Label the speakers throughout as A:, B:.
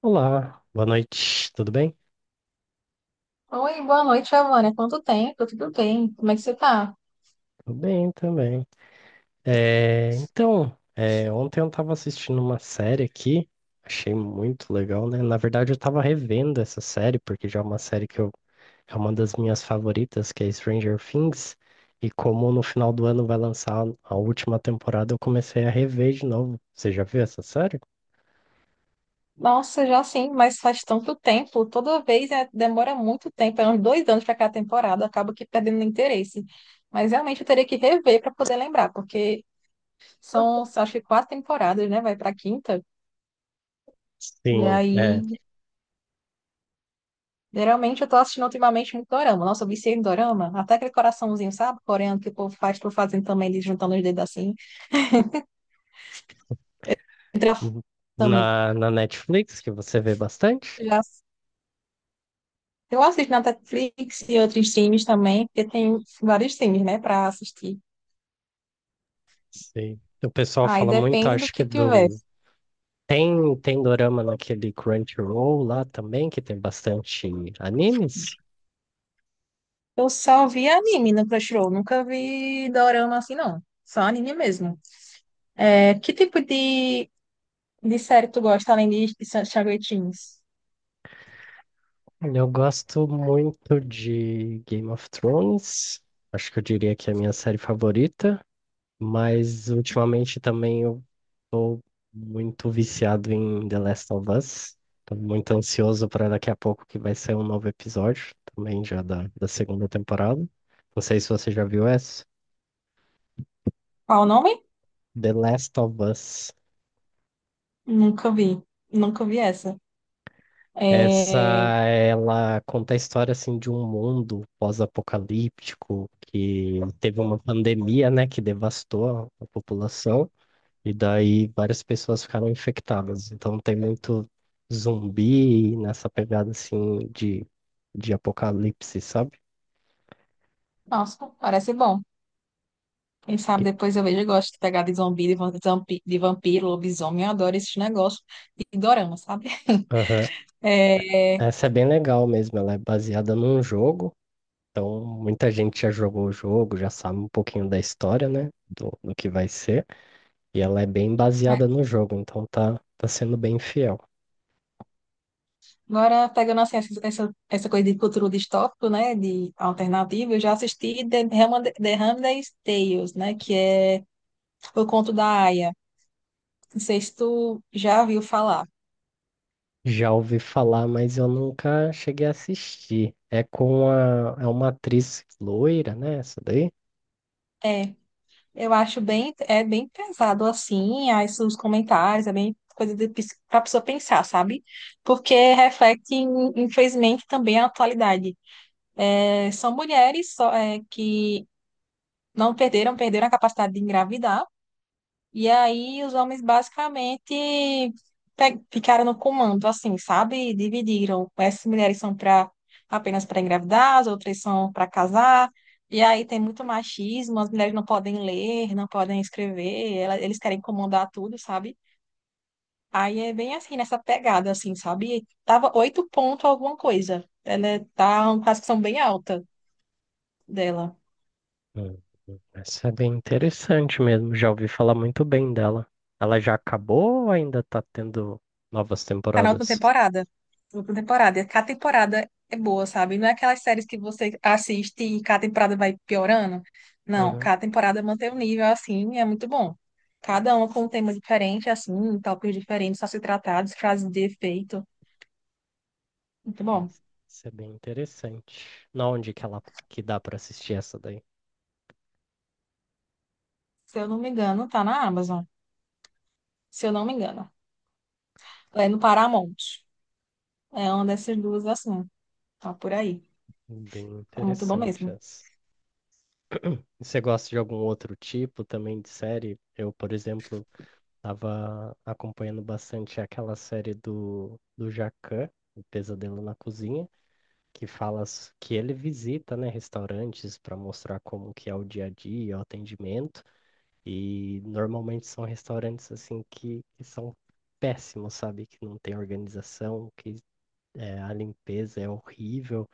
A: Olá, boa noite, tudo bem?
B: Oi, boa noite, Giovana. Quanto tempo? Tudo bem? Como é que você tá?
A: Tudo bem também. Ontem eu estava assistindo uma série aqui, achei muito legal, né? Na verdade, eu estava revendo essa série, porque já é uma série que eu, é uma das minhas favoritas, que é Stranger Things, e como no final do ano vai lançar a última temporada, eu comecei a rever de novo. Você já viu essa série?
B: Nossa, já sim, mas faz tanto tempo. Toda vez demora muito tempo, é uns 2 anos para cada temporada, acaba que perdendo interesse. Mas realmente eu teria que rever para poder lembrar, porque são, acho que quatro temporadas, né? Vai para quinta. E
A: Sim, é.
B: aí, geralmente eu tô assistindo ultimamente muito dorama. Nossa, eu viciei em dorama. Até aquele coraçãozinho, sabe? Coreano que o povo faz, tô fazendo também, eles juntando os dedos assim. Entra também.
A: Na Netflix, que você vê bastante?
B: Já Eu assisto na Netflix e outros times também, porque tem vários times, né, pra assistir.
A: Sim. O pessoal
B: Aí
A: fala muito,
B: depende do
A: acho que é
B: que tiver.
A: do... Tem, tem dorama naquele Crunchyroll lá também, que tem bastante animes.
B: Eu só vi anime no Crunchyroll, nunca vi dorama assim, não. Só anime mesmo. É, que tipo de série tu gosta, além de Shaggy Teens?
A: Olha, eu gosto muito de Game of Thrones. Acho que eu diria que é a minha série favorita. Mas ultimamente também eu tô muito viciado em The Last of Us. Tô muito ansioso para daqui a pouco que vai sair um novo episódio, também já da segunda temporada. Não sei se você já viu essa.
B: Qual o nome?
A: The Last of Us.
B: Nunca vi. Nunca vi essa.
A: Essa,
B: É...
A: ela conta a história, assim, de um mundo pós-apocalíptico que teve uma pandemia, né, que devastou a população e daí várias pessoas ficaram infectadas. Então tem muito zumbi nessa pegada, assim, de apocalipse, sabe?
B: Nossa, parece bom. Quem sabe depois eu vejo, eu gosto de pegar de zumbi, de vampiro, lobisomem, eu adoro esses negócios de dorama, sabe?
A: Aham.
B: É...
A: Essa é bem legal mesmo, ela é baseada num jogo, então muita gente já jogou o jogo, já sabe um pouquinho da história, né, do que vai ser. E ela é bem baseada no jogo, então tá sendo bem fiel.
B: Agora, pegando assim, essa, essa coisa de futuro distópico, né, de alternativa, eu já assisti The Handmaid's Tales, né, que é o conto da Aya. Não sei se tu já ouviu falar.
A: Já ouvi falar, mas eu nunca cheguei a assistir. É uma atriz loira, né? Essa daí?
B: É, eu acho bem, é bem pesado assim, aí os comentários, é bem coisa de, pra pessoa pensar, sabe? Porque reflete, infelizmente, também a atualidade. É, são mulheres só, é, que não perderam, perderam a capacidade de engravidar. E aí os homens basicamente ficaram no comando, assim, sabe? Dividiram. Essas mulheres são para apenas para engravidar, as outras são para casar. E aí tem muito machismo, as mulheres não podem ler, não podem escrever, eles querem comandar tudo, sabe? Aí é bem assim, nessa pegada, assim, sabe? Tava oito pontos alguma coisa. Ela é, tá uma classificação bem alta dela.
A: Hum, Essa é bem interessante mesmo. Já ouvi falar muito bem dela. Ela já acabou ou ainda tá tendo novas
B: Tá na última
A: temporadas?
B: temporada. Última temporada. E cada temporada é boa, sabe? Não é aquelas séries que você assiste e cada temporada vai piorando. Não,
A: Uhum.
B: cada temporada mantém o nível assim, e é muito bom. Cada uma com um tema diferente, assim, tópicos diferentes a ser tratados, frases de efeito. Muito bom.
A: Essa, essa é bem interessante. Na onde que ela que dá pra assistir essa daí?
B: Se eu não me engano, tá na Amazon. Se eu não me engano. É no Paramount. É uma dessas duas, assim. Tá por aí.
A: Bem
B: É muito bom
A: interessante
B: mesmo.
A: essa. E você gosta de algum outro tipo também de série? Eu, por exemplo, estava acompanhando bastante aquela série do Jacquin, O Pesadelo na Cozinha, que que ele visita, né, restaurantes para mostrar como que é o dia a dia, o atendimento, e normalmente são restaurantes assim que são péssimos, sabe? Que não tem organização, que é, a limpeza é horrível.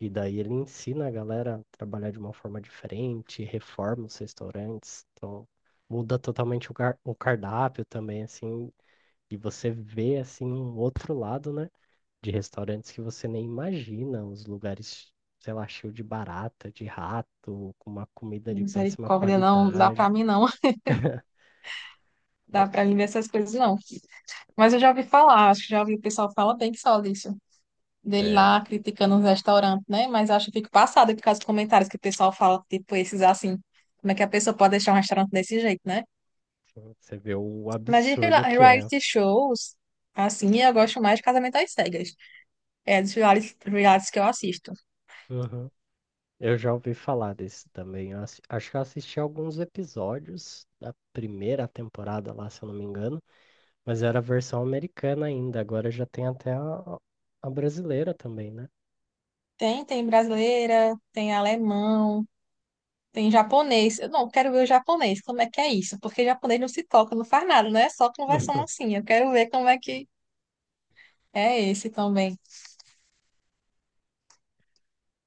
A: E daí ele ensina a galera a trabalhar de uma forma diferente, reforma os restaurantes, então muda totalmente o cardápio também, assim, e você vê, assim, um outro lado, né, de restaurantes que você nem imagina, os lugares, sei lá, cheio de barata, de rato, com uma comida de péssima
B: Misericórdia, não dá
A: qualidade.
B: pra mim, não. Dá
A: Eu-
B: pra mim ver essas coisas, não. Mas eu já ouvi falar, acho que já ouvi o pessoal falar bem que só disso. Dele
A: É,
B: lá criticando os restaurantes, né? Mas acho que fico passada por causa dos comentários que o pessoal fala, tipo, esses assim. Como é que a pessoa pode deixar um restaurante desse jeito, né?
A: assim, você vê o
B: Mas
A: absurdo que é.
B: reality shows, assim, eu gosto mais de Casamento às Cegas. É dos realities que eu assisto.
A: Eu já ouvi falar desse também. Acho que eu assisti alguns episódios da primeira temporada lá, se eu não me engano, mas era a versão americana ainda. Agora já tem até a brasileira também, né?
B: Tem, brasileira, tem alemão, tem japonês. Eu não quero ver o japonês, como é que é isso? Porque japonês não se toca, não faz nada, não é só conversando assim. Eu quero ver como é que é esse também.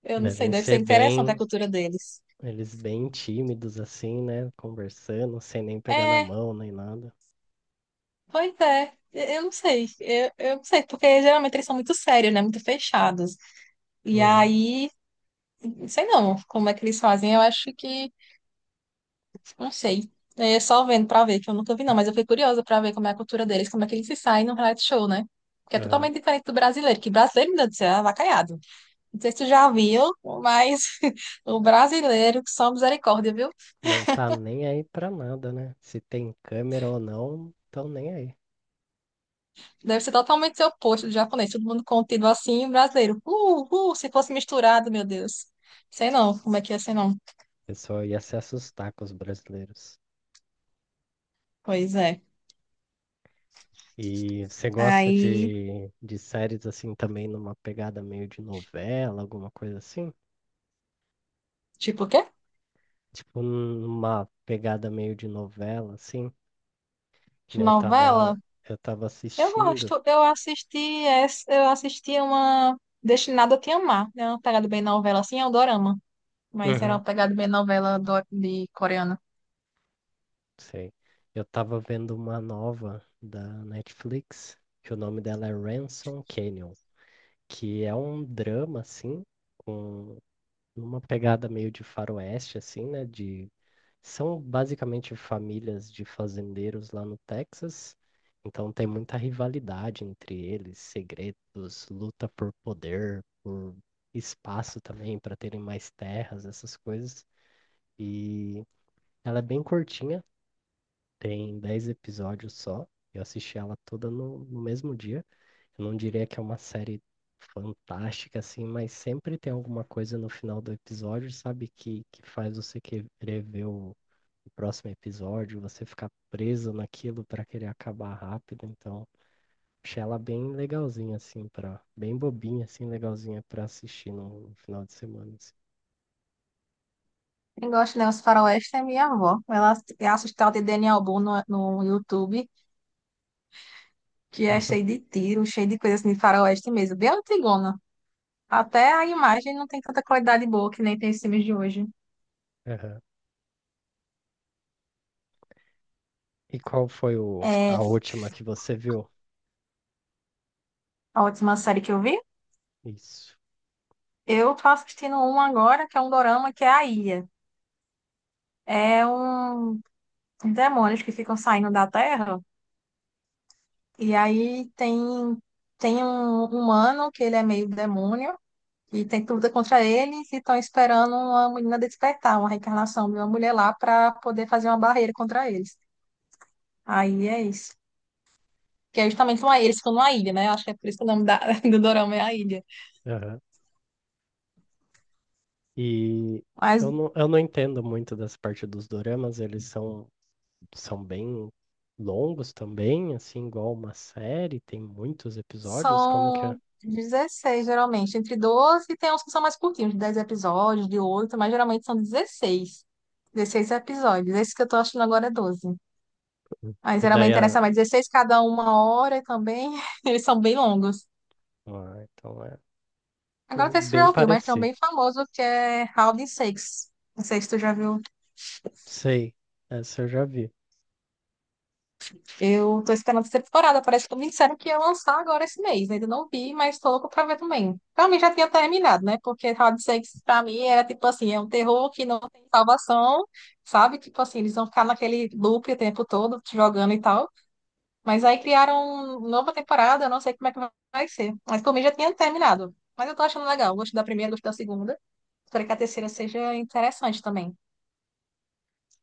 B: Eu não sei,
A: Devem
B: deve ser
A: ser
B: interessante a
A: bem,
B: cultura deles.
A: eles bem tímidos assim, né? Conversando, sem nem pegar na
B: É,
A: mão nem nada.
B: pois é. Eu não sei, eu não sei, porque geralmente eles são muito sérios, né? Muito fechados. E
A: Uhum,
B: aí, não sei não como é que eles fazem, eu acho que, não sei. É só vendo pra ver, que eu nunca vi não, mas eu fiquei curiosa pra ver como é a cultura deles, como é que eles se saem no reality show, né? Que é
A: aham.
B: totalmente diferente do brasileiro, que brasileiro, meu Deus do céu, é avacalhado. Não sei se tu já viu, mas o brasileiro, só misericórdia, viu?
A: Não tá nem aí pra nada, né? Se tem câmera ou não, tão nem aí. O
B: Deve ser totalmente seu oposto do japonês, todo mundo contido assim, e o brasileiro. Se fosse misturado, meu Deus. Sei não, como é que ia ser não.
A: pessoal ia se assustar com os brasileiros.
B: Pois é.
A: E você gosta
B: Aí,
A: de séries assim também numa pegada meio de novela, alguma coisa assim?
B: tipo o quê?
A: Tipo, numa pegada meio de novela, assim. Que
B: De
A: nem Eu
B: novela?
A: tava, eu tava
B: Eu
A: assistindo...
B: gosto, eu assisti essa, eu assisti uma Destinada a Te Amar, é uma pegada bem novela, assim, é um dorama, mas era
A: Uhum.
B: uma pegada bem novela de coreana.
A: Sei. Eu tava vendo uma nova da Netflix, que o nome dela é Ransom Canyon, que é um drama, assim, com uma pegada meio de faroeste, assim, né? De... São basicamente famílias de fazendeiros lá no Texas, então tem muita rivalidade entre eles, segredos, luta por poder, por espaço também, para terem mais terras, essas coisas. E ela é bem curtinha, tem 10 episódios só. Eu assisti ela toda no mesmo dia. Eu não diria que é uma série fantástica, assim, mas sempre tem alguma coisa no final do episódio, sabe, que faz você querer ver o próximo episódio, você ficar preso naquilo pra querer acabar rápido. Então, achei ela bem legalzinha, assim, pra, bem bobinha, assim, legalzinha pra assistir no final de semana. Assim.
B: Quem gosta de Os Faroeste é minha avó. Ela assiste tal de Daniel Boone no, no YouTube, que é cheio de tiro, cheio de coisa assim de faroeste mesmo, bem antigona. Até a imagem não tem tanta qualidade boa que nem tem os filmes de hoje.
A: Aham. E qual foi
B: É
A: a última que você viu?
B: a última série que eu vi.
A: Isso.
B: Eu tô assistindo um agora, que é um dorama, que é a Ilha. É um demônios que ficam saindo da Terra. E aí tem, um humano que ele é meio demônio. E tem tudo contra eles e estão esperando uma menina despertar, uma reencarnação de uma mulher lá para poder fazer uma barreira contra eles. Aí é isso. Que é justamente uma ilha, eles ficam numa ilha, né? Acho que é por isso que o nome do dorama é a ilha.
A: Aham. E
B: Mas
A: eu não entendo muito dessa parte dos doramas, eles são, são bem longos também, assim, igual uma série, tem muitos episódios, como que é?
B: são 16 geralmente, entre 12 e tem uns que são mais curtinhos, de 10 episódios, de oito, mas geralmente são 16 episódios. Esse que eu tô achando agora é 12.
A: Hum.
B: Aí
A: E daí,
B: geralmente
A: a-
B: interessa mais 16, cada um 1 hora também. Eles são bem longos.
A: ah, então é... É
B: Agora que você
A: bem
B: já ouviu, mas tem um
A: parecido.
B: bem famoso que é Round Six. Não sei se tu já viu.
A: Sei, essa eu já vi.
B: Eu tô esperando essa temporada. Parece que me disseram que ia lançar agora esse mês. Ainda não vi, mas tô louca pra ver também. Pra mim já tinha terminado, né? Porque Round Six pra mim era tipo assim, é um terror que não tem salvação, sabe? Tipo assim, eles vão ficar naquele loop o tempo todo, te jogando e tal. Mas aí criaram uma nova temporada, eu não sei como é que vai ser. Mas por mim já tinha terminado. Mas eu tô achando legal. Gosto da primeira, gosto da segunda. Espero que a terceira seja interessante também.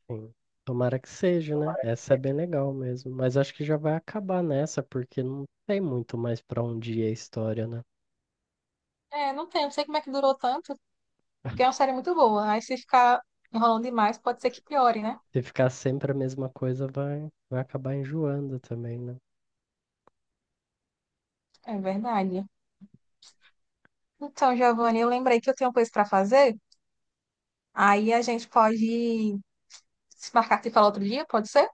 A: Sim. Tomara que seja, né?
B: Tomara que
A: Essa é bem
B: seja.
A: legal mesmo. Mas acho que já vai acabar nessa, porque não tem muito mais pra onde ir a história, né?
B: É, não tem, não sei como é que durou tanto. Porque é uma série muito boa. Aí se ficar enrolando demais, pode ser que piore, né?
A: Se ficar sempre a mesma coisa, vai, vai acabar enjoando também, né?
B: É verdade. Então, Giovanni, eu lembrei que eu tenho coisa para fazer. Aí a gente pode se marcar que fala outro dia, pode ser?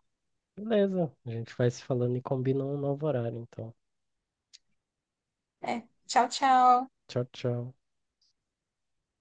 A: Beleza, a gente vai se falando e combina um novo horário, então.
B: É. Tchau, tchau.
A: Tchau, tchau.